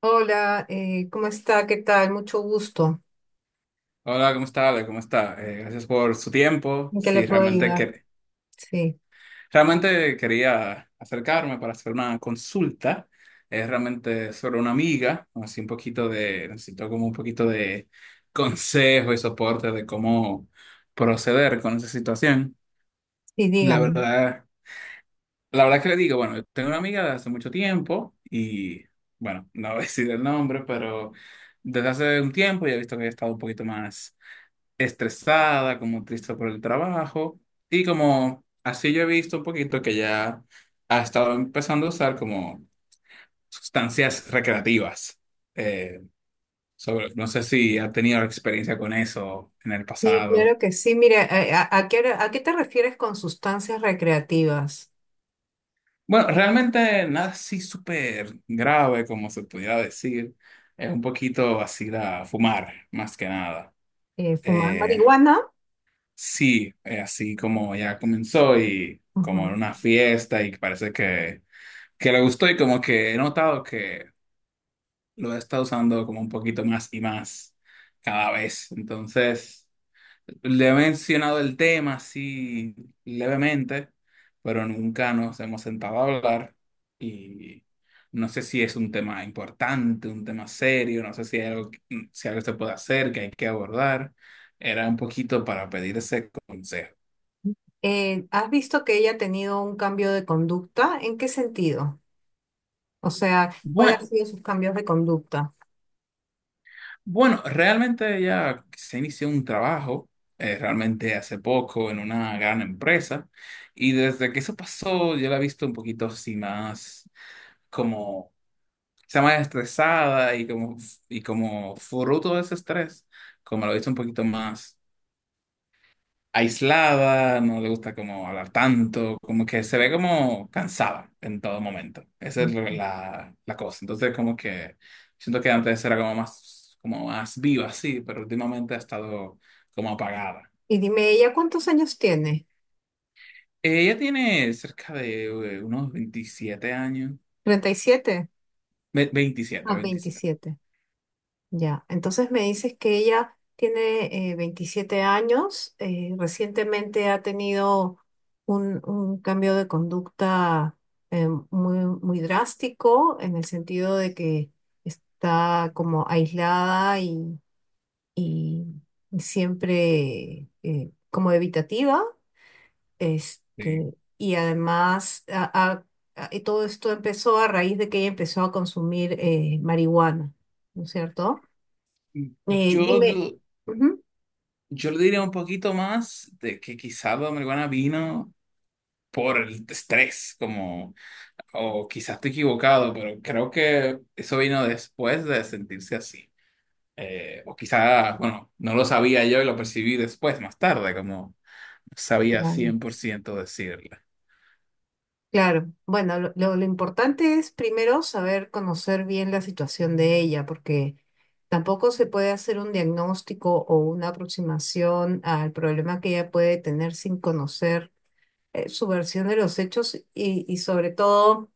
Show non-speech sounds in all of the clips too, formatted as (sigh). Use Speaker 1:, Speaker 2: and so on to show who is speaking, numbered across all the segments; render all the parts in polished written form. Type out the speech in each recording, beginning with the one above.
Speaker 1: Hola, ¿cómo está? ¿Qué tal? Mucho gusto.
Speaker 2: Hola, ¿cómo está, Ale? ¿Cómo está? Gracias por su tiempo.
Speaker 1: ¿En qué le
Speaker 2: Sí,
Speaker 1: puedo ayudar? Sí,
Speaker 2: realmente quería acercarme para hacer una consulta. Es realmente sobre una amiga, así necesito como un poquito de consejo y soporte de cómo proceder con esa situación.
Speaker 1: sí,
Speaker 2: La
Speaker 1: dígame.
Speaker 2: verdad, la verdad que le digo, bueno, yo tengo una amiga de hace mucho tiempo y, bueno, no voy a decir el nombre, pero desde hace un tiempo ya he visto que ella ha estado un poquito más estresada, como triste por el trabajo. Y como así yo he visto un poquito que ya ha estado empezando a usar como sustancias recreativas. Eh, sobre, no sé si ha tenido experiencia con eso en el
Speaker 1: Sí,
Speaker 2: pasado.
Speaker 1: claro que sí. Mire, ¿a qué te refieres con sustancias recreativas?
Speaker 2: Bueno, realmente nada así súper grave como se pudiera decir. Es un poquito así la fumar, más que nada.
Speaker 1: ¿Fumar
Speaker 2: Eh,
Speaker 1: marihuana?
Speaker 2: sí, así como ya comenzó y como en
Speaker 1: Ujú.
Speaker 2: una fiesta y parece que le gustó y como que he notado que lo he estado usando como un poquito más y más cada vez. Entonces, le he mencionado el tema así levemente, pero nunca nos hemos sentado a hablar y no sé si es un tema importante, un tema serio, no sé si hay algo, si algo se puede hacer, que hay que abordar. Era un poquito para pedir ese consejo.
Speaker 1: ¿Has visto que ella ha tenido un cambio de conducta? ¿En qué sentido? O sea, ¿cuáles
Speaker 2: bueno
Speaker 1: han sido sus cambios de conducta?
Speaker 2: Bueno, realmente ella se inició un trabajo, realmente hace poco, en una gran empresa, y desde que eso pasó, yo la he visto un poquito así más como, está más estresada y como fruto de ese estrés, como la he visto un poquito más aislada, no le gusta como hablar tanto, como que se ve como cansada en todo momento. Esa es la cosa. Entonces, como que siento que antes era como más viva, sí, pero últimamente ha estado como apagada.
Speaker 1: Y dime, ¿ella cuántos años tiene?
Speaker 2: Ella tiene cerca de unos 27 años.
Speaker 1: 37.
Speaker 2: 27,
Speaker 1: Ah,
Speaker 2: 27.
Speaker 1: 27. Ya, entonces me dices que ella tiene 27 años, recientemente ha tenido un cambio de conducta muy drástico en el sentido de que está como aislada y siempre como evitativa,
Speaker 2: Sí.
Speaker 1: este, y además y todo esto empezó a raíz de que ella empezó a consumir marihuana, ¿no es cierto?
Speaker 2: Yo,
Speaker 1: Dime,
Speaker 2: lo-
Speaker 1: ujú.
Speaker 2: yo le diría un poquito más de que quizá la marihuana vino por el estrés, como o quizás estoy equivocado, pero creo que eso vino después de sentirse así. O quizás, bueno, no lo sabía yo y lo percibí después, más tarde, como no sabía
Speaker 1: No,
Speaker 2: 100% decirle.
Speaker 1: claro, bueno, lo importante es primero saber conocer bien la situación de ella, porque tampoco se puede hacer un diagnóstico o una aproximación al problema que ella puede tener sin conocer su versión de los hechos y sobre todo,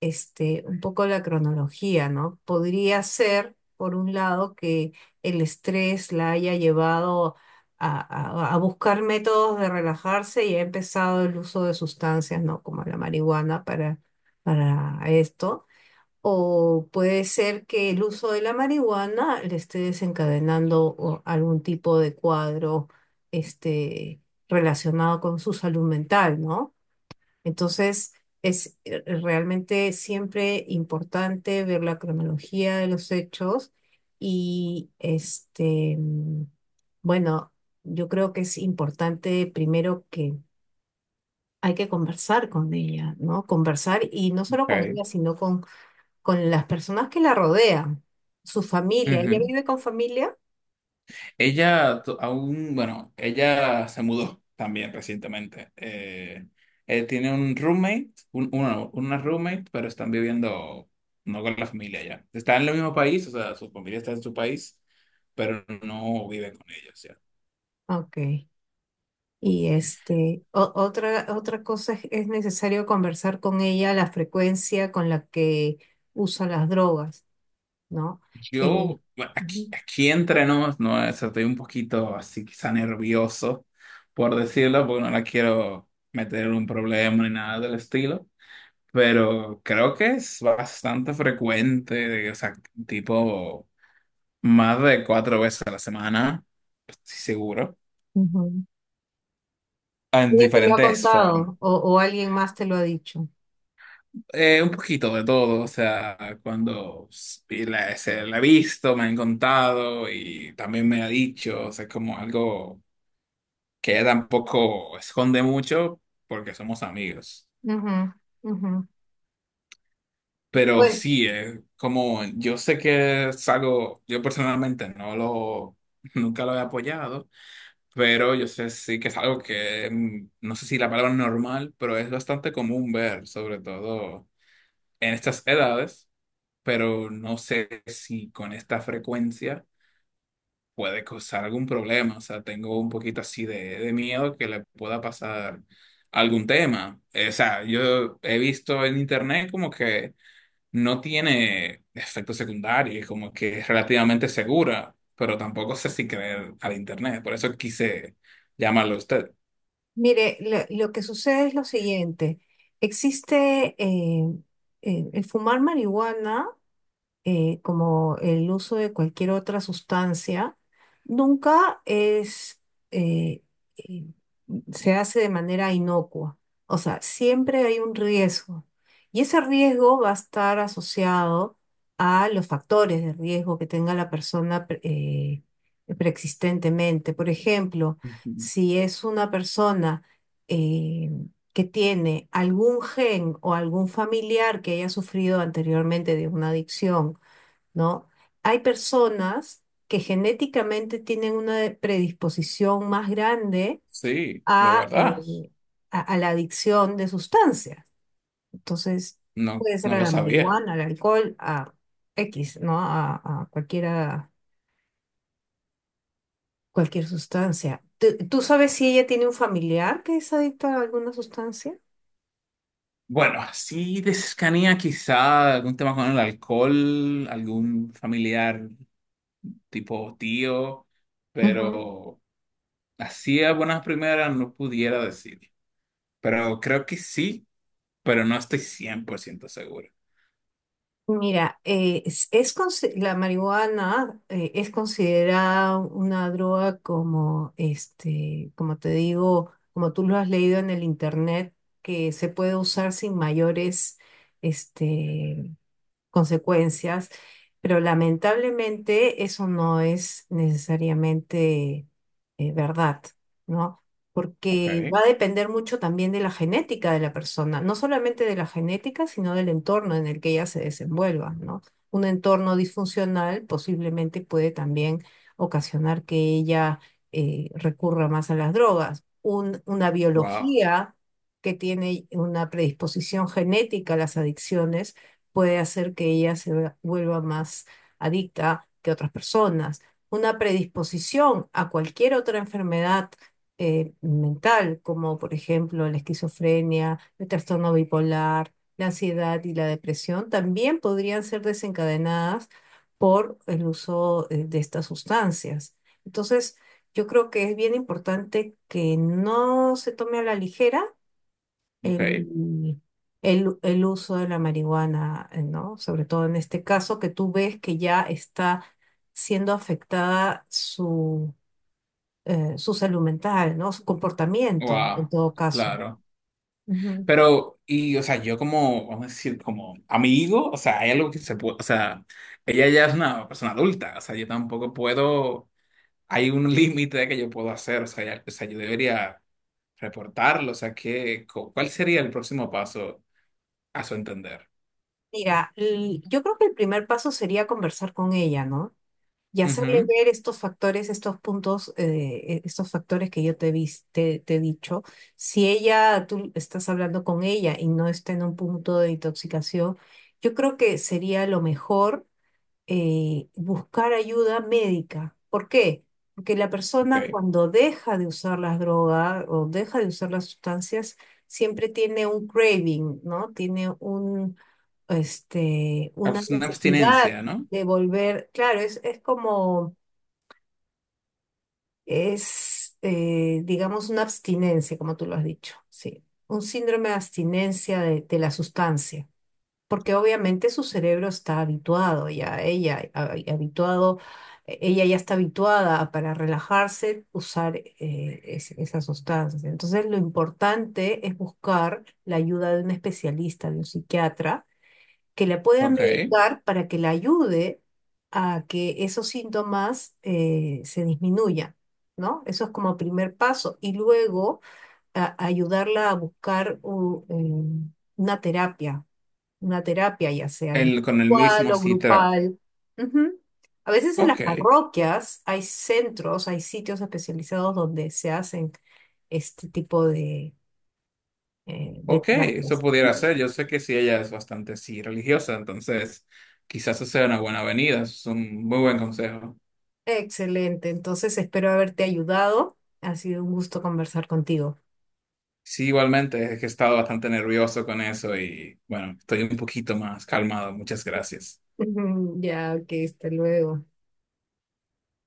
Speaker 1: este, un poco la cronología, ¿no? Podría ser, por un lado, que el estrés la haya llevado a, a buscar métodos de relajarse y ha empezado el uso de sustancias, ¿no? Como la marihuana para esto. O puede ser que el uso de la marihuana le esté desencadenando o algún tipo de cuadro, este, relacionado con su salud mental, ¿no? Entonces, es realmente siempre importante ver la cronología de los hechos y este, bueno, yo creo que es importante primero que hay que conversar con ella, ¿no? Conversar y no solo con
Speaker 2: Ok.
Speaker 1: ella, sino con las personas que la rodean, su familia. ¿Ella
Speaker 2: Ujú.
Speaker 1: vive con familia?
Speaker 2: Ella to- aún, bueno, ella se mudó también recientemente. Tiene un roommate, un, una roommate, pero están viviendo no con la familia ya. Están en el mismo país, o sea, su familia está en su país, pero no viven con ellos ya.
Speaker 1: Ok. Y este, otra cosa es necesario conversar con ella la frecuencia con la que usa las drogas, ¿no? Eh,
Speaker 2: Yo, bueno, aquí,
Speaker 1: ujú,
Speaker 2: aquí entre nos, no, o sea, estoy un poquito así quizá nervioso, por decirlo, porque no la quiero meter en un problema ni nada del estilo. Pero creo que es bastante frecuente, o sea, tipo más de 4 veces a la semana, estoy seguro,
Speaker 1: ujú.
Speaker 2: en
Speaker 1: Ella te lo ha
Speaker 2: diferentes formas.
Speaker 1: contado o alguien más te lo ha dicho.
Speaker 2: Un poquito de todo, o sea, cuando se la he visto, me han contado y también me ha dicho, o sea, es como algo que ella tampoco esconde mucho porque somos amigos.
Speaker 1: Ujú, ujú.
Speaker 2: Pero
Speaker 1: Bueno,
Speaker 2: sí, como yo sé que es algo, yo personalmente no lo, nunca lo he apoyado. Pero yo sé sí que es algo que, no sé si la palabra normal, pero es bastante común ver, sobre todo en estas edades, pero no sé si con esta frecuencia puede causar algún problema. O sea, tengo un poquito así de miedo que le pueda pasar algún tema. O sea, yo he visto en internet como que no tiene efectos secundarios, como que es relativamente segura, pero tampoco sé si creer al internet. Por eso quise llamarlo a usted.
Speaker 1: mire, lo que sucede es lo siguiente. Existe el fumar marihuana como el uso de cualquier otra sustancia, nunca es, eh, eh, se hace de manera inocua. O sea, siempre hay un riesgo. Y ese riesgo va a estar asociado a los factores de riesgo que tenga la persona preexistentemente. Por ejemplo,
Speaker 2: Ujú.
Speaker 1: si es una persona eh, que tiene algún gen o algún familiar que haya sufrido anteriormente de una adicción, ¿no? Hay personas que genéticamente tienen una predisposición más grande
Speaker 2: Sí, de
Speaker 1: a,
Speaker 2: verdad.
Speaker 1: eh, a la adicción de sustancias. Entonces,
Speaker 2: No,
Speaker 1: puede ser
Speaker 2: no
Speaker 1: a
Speaker 2: lo
Speaker 1: la
Speaker 2: sabía.
Speaker 1: marihuana, al alcohol, a X, ¿no? A cualquiera, cualquier sustancia. ¿Tú sabes si ella tiene un familiar que es adicto a alguna sustancia?
Speaker 2: Bueno, así de cercanía, quizá algún tema con el alcohol, algún familiar tipo tío, pero así a buenas primeras no pudiera decir. Pero creo que sí, pero no estoy 100% seguro.
Speaker 1: Mira, la marihuana es considerada una droga como, este, como te digo, como tú lo has leído en el internet, que se puede usar sin mayores, este, consecuencias, pero lamentablemente eso no es necesariamente verdad, ¿no? Porque
Speaker 2: Ok.
Speaker 1: va a depender mucho también de la genética de la persona, no solamente de la genética, sino del entorno en el que ella se desenvuelva, ¿no? Un entorno disfuncional posiblemente puede también ocasionar que ella recurra más a las drogas. Una
Speaker 2: Wow.
Speaker 1: biología que tiene una predisposición genética a las adicciones puede hacer que ella vuelva más adicta que otras personas. Una predisposición a cualquier otra enfermedad mental, como por ejemplo la esquizofrenia, el trastorno bipolar, la ansiedad y la depresión, también podrían ser desencadenadas por el uso de estas sustancias. Entonces, yo creo que es bien importante que no se tome a la ligera
Speaker 2: Ok.
Speaker 1: el, el uso de la marihuana, ¿no? Sobre todo en este caso, que tú ves que ya está siendo afectada su, su salud mental, ¿no? Su comportamiento, en
Speaker 2: Wow.
Speaker 1: todo caso.
Speaker 2: Claro.
Speaker 1: Ujú.
Speaker 2: Pero, y, o sea, yo como, vamos a decir, como amigo, o sea, hay algo que se puede, o sea, ella ya es una persona adulta, o sea, yo tampoco puedo, hay un (laughs) límite que yo puedo hacer, o sea, o sea, yo debería reportarlo, o sea, ¿cuál sería el próximo paso a su entender?
Speaker 1: Mira, yo creo que el primer paso sería conversar con ella, ¿no? Y hacerle
Speaker 2: Ujú,
Speaker 1: ver estos factores, estos puntos, estos factores que yo te, vis- te he dicho. Si ella, tú estás hablando con ella y no está en un punto de intoxicación, yo creo que sería lo mejor buscar ayuda médica. ¿Por qué? Porque la persona
Speaker 2: ok.
Speaker 1: cuando deja de usar las drogas o deja de usar las sustancias, siempre tiene un craving, ¿no? Tiene un, este, una
Speaker 2: Una
Speaker 1: necesidad
Speaker 2: abstinencia, ¿no?
Speaker 1: de volver. Claro, digamos, una abstinencia, como tú lo has dicho, sí. Un síndrome de abstinencia de la sustancia porque obviamente su cerebro está habituado ya, habituado, ella ya está habituada a, para relajarse usar esas sustancias. Entonces, lo importante es buscar la ayuda de un especialista, de un psiquiatra, que la pueda
Speaker 2: Ok.
Speaker 1: medicar para que la ayude a que esos síntomas se disminuyan. ¿No? Eso es como primer paso. Y luego ayudarla a buscar una terapia una terapia, ya sea
Speaker 2: Con el
Speaker 1: individual
Speaker 2: mismo
Speaker 1: o
Speaker 2: citra.
Speaker 1: grupal. Ujú. A veces en las
Speaker 2: Ok.
Speaker 1: parroquias hay centros, hay sitios especializados donde se hacen este tipo de
Speaker 2: Ok, eso
Speaker 1: terapias.
Speaker 2: pudiera ser. Yo sé que sí, ella es bastante sí religiosa, entonces quizás eso sea una buena avenida. Eso es un muy buen consejo.
Speaker 1: Excelente, entonces espero haberte ayudado. Ha sido un gusto conversar contigo.
Speaker 2: Sí, igualmente, es que he estado bastante nervioso con eso y bueno, estoy un poquito más calmado. Muchas gracias.
Speaker 1: (laughs) Ya, ok, hasta luego.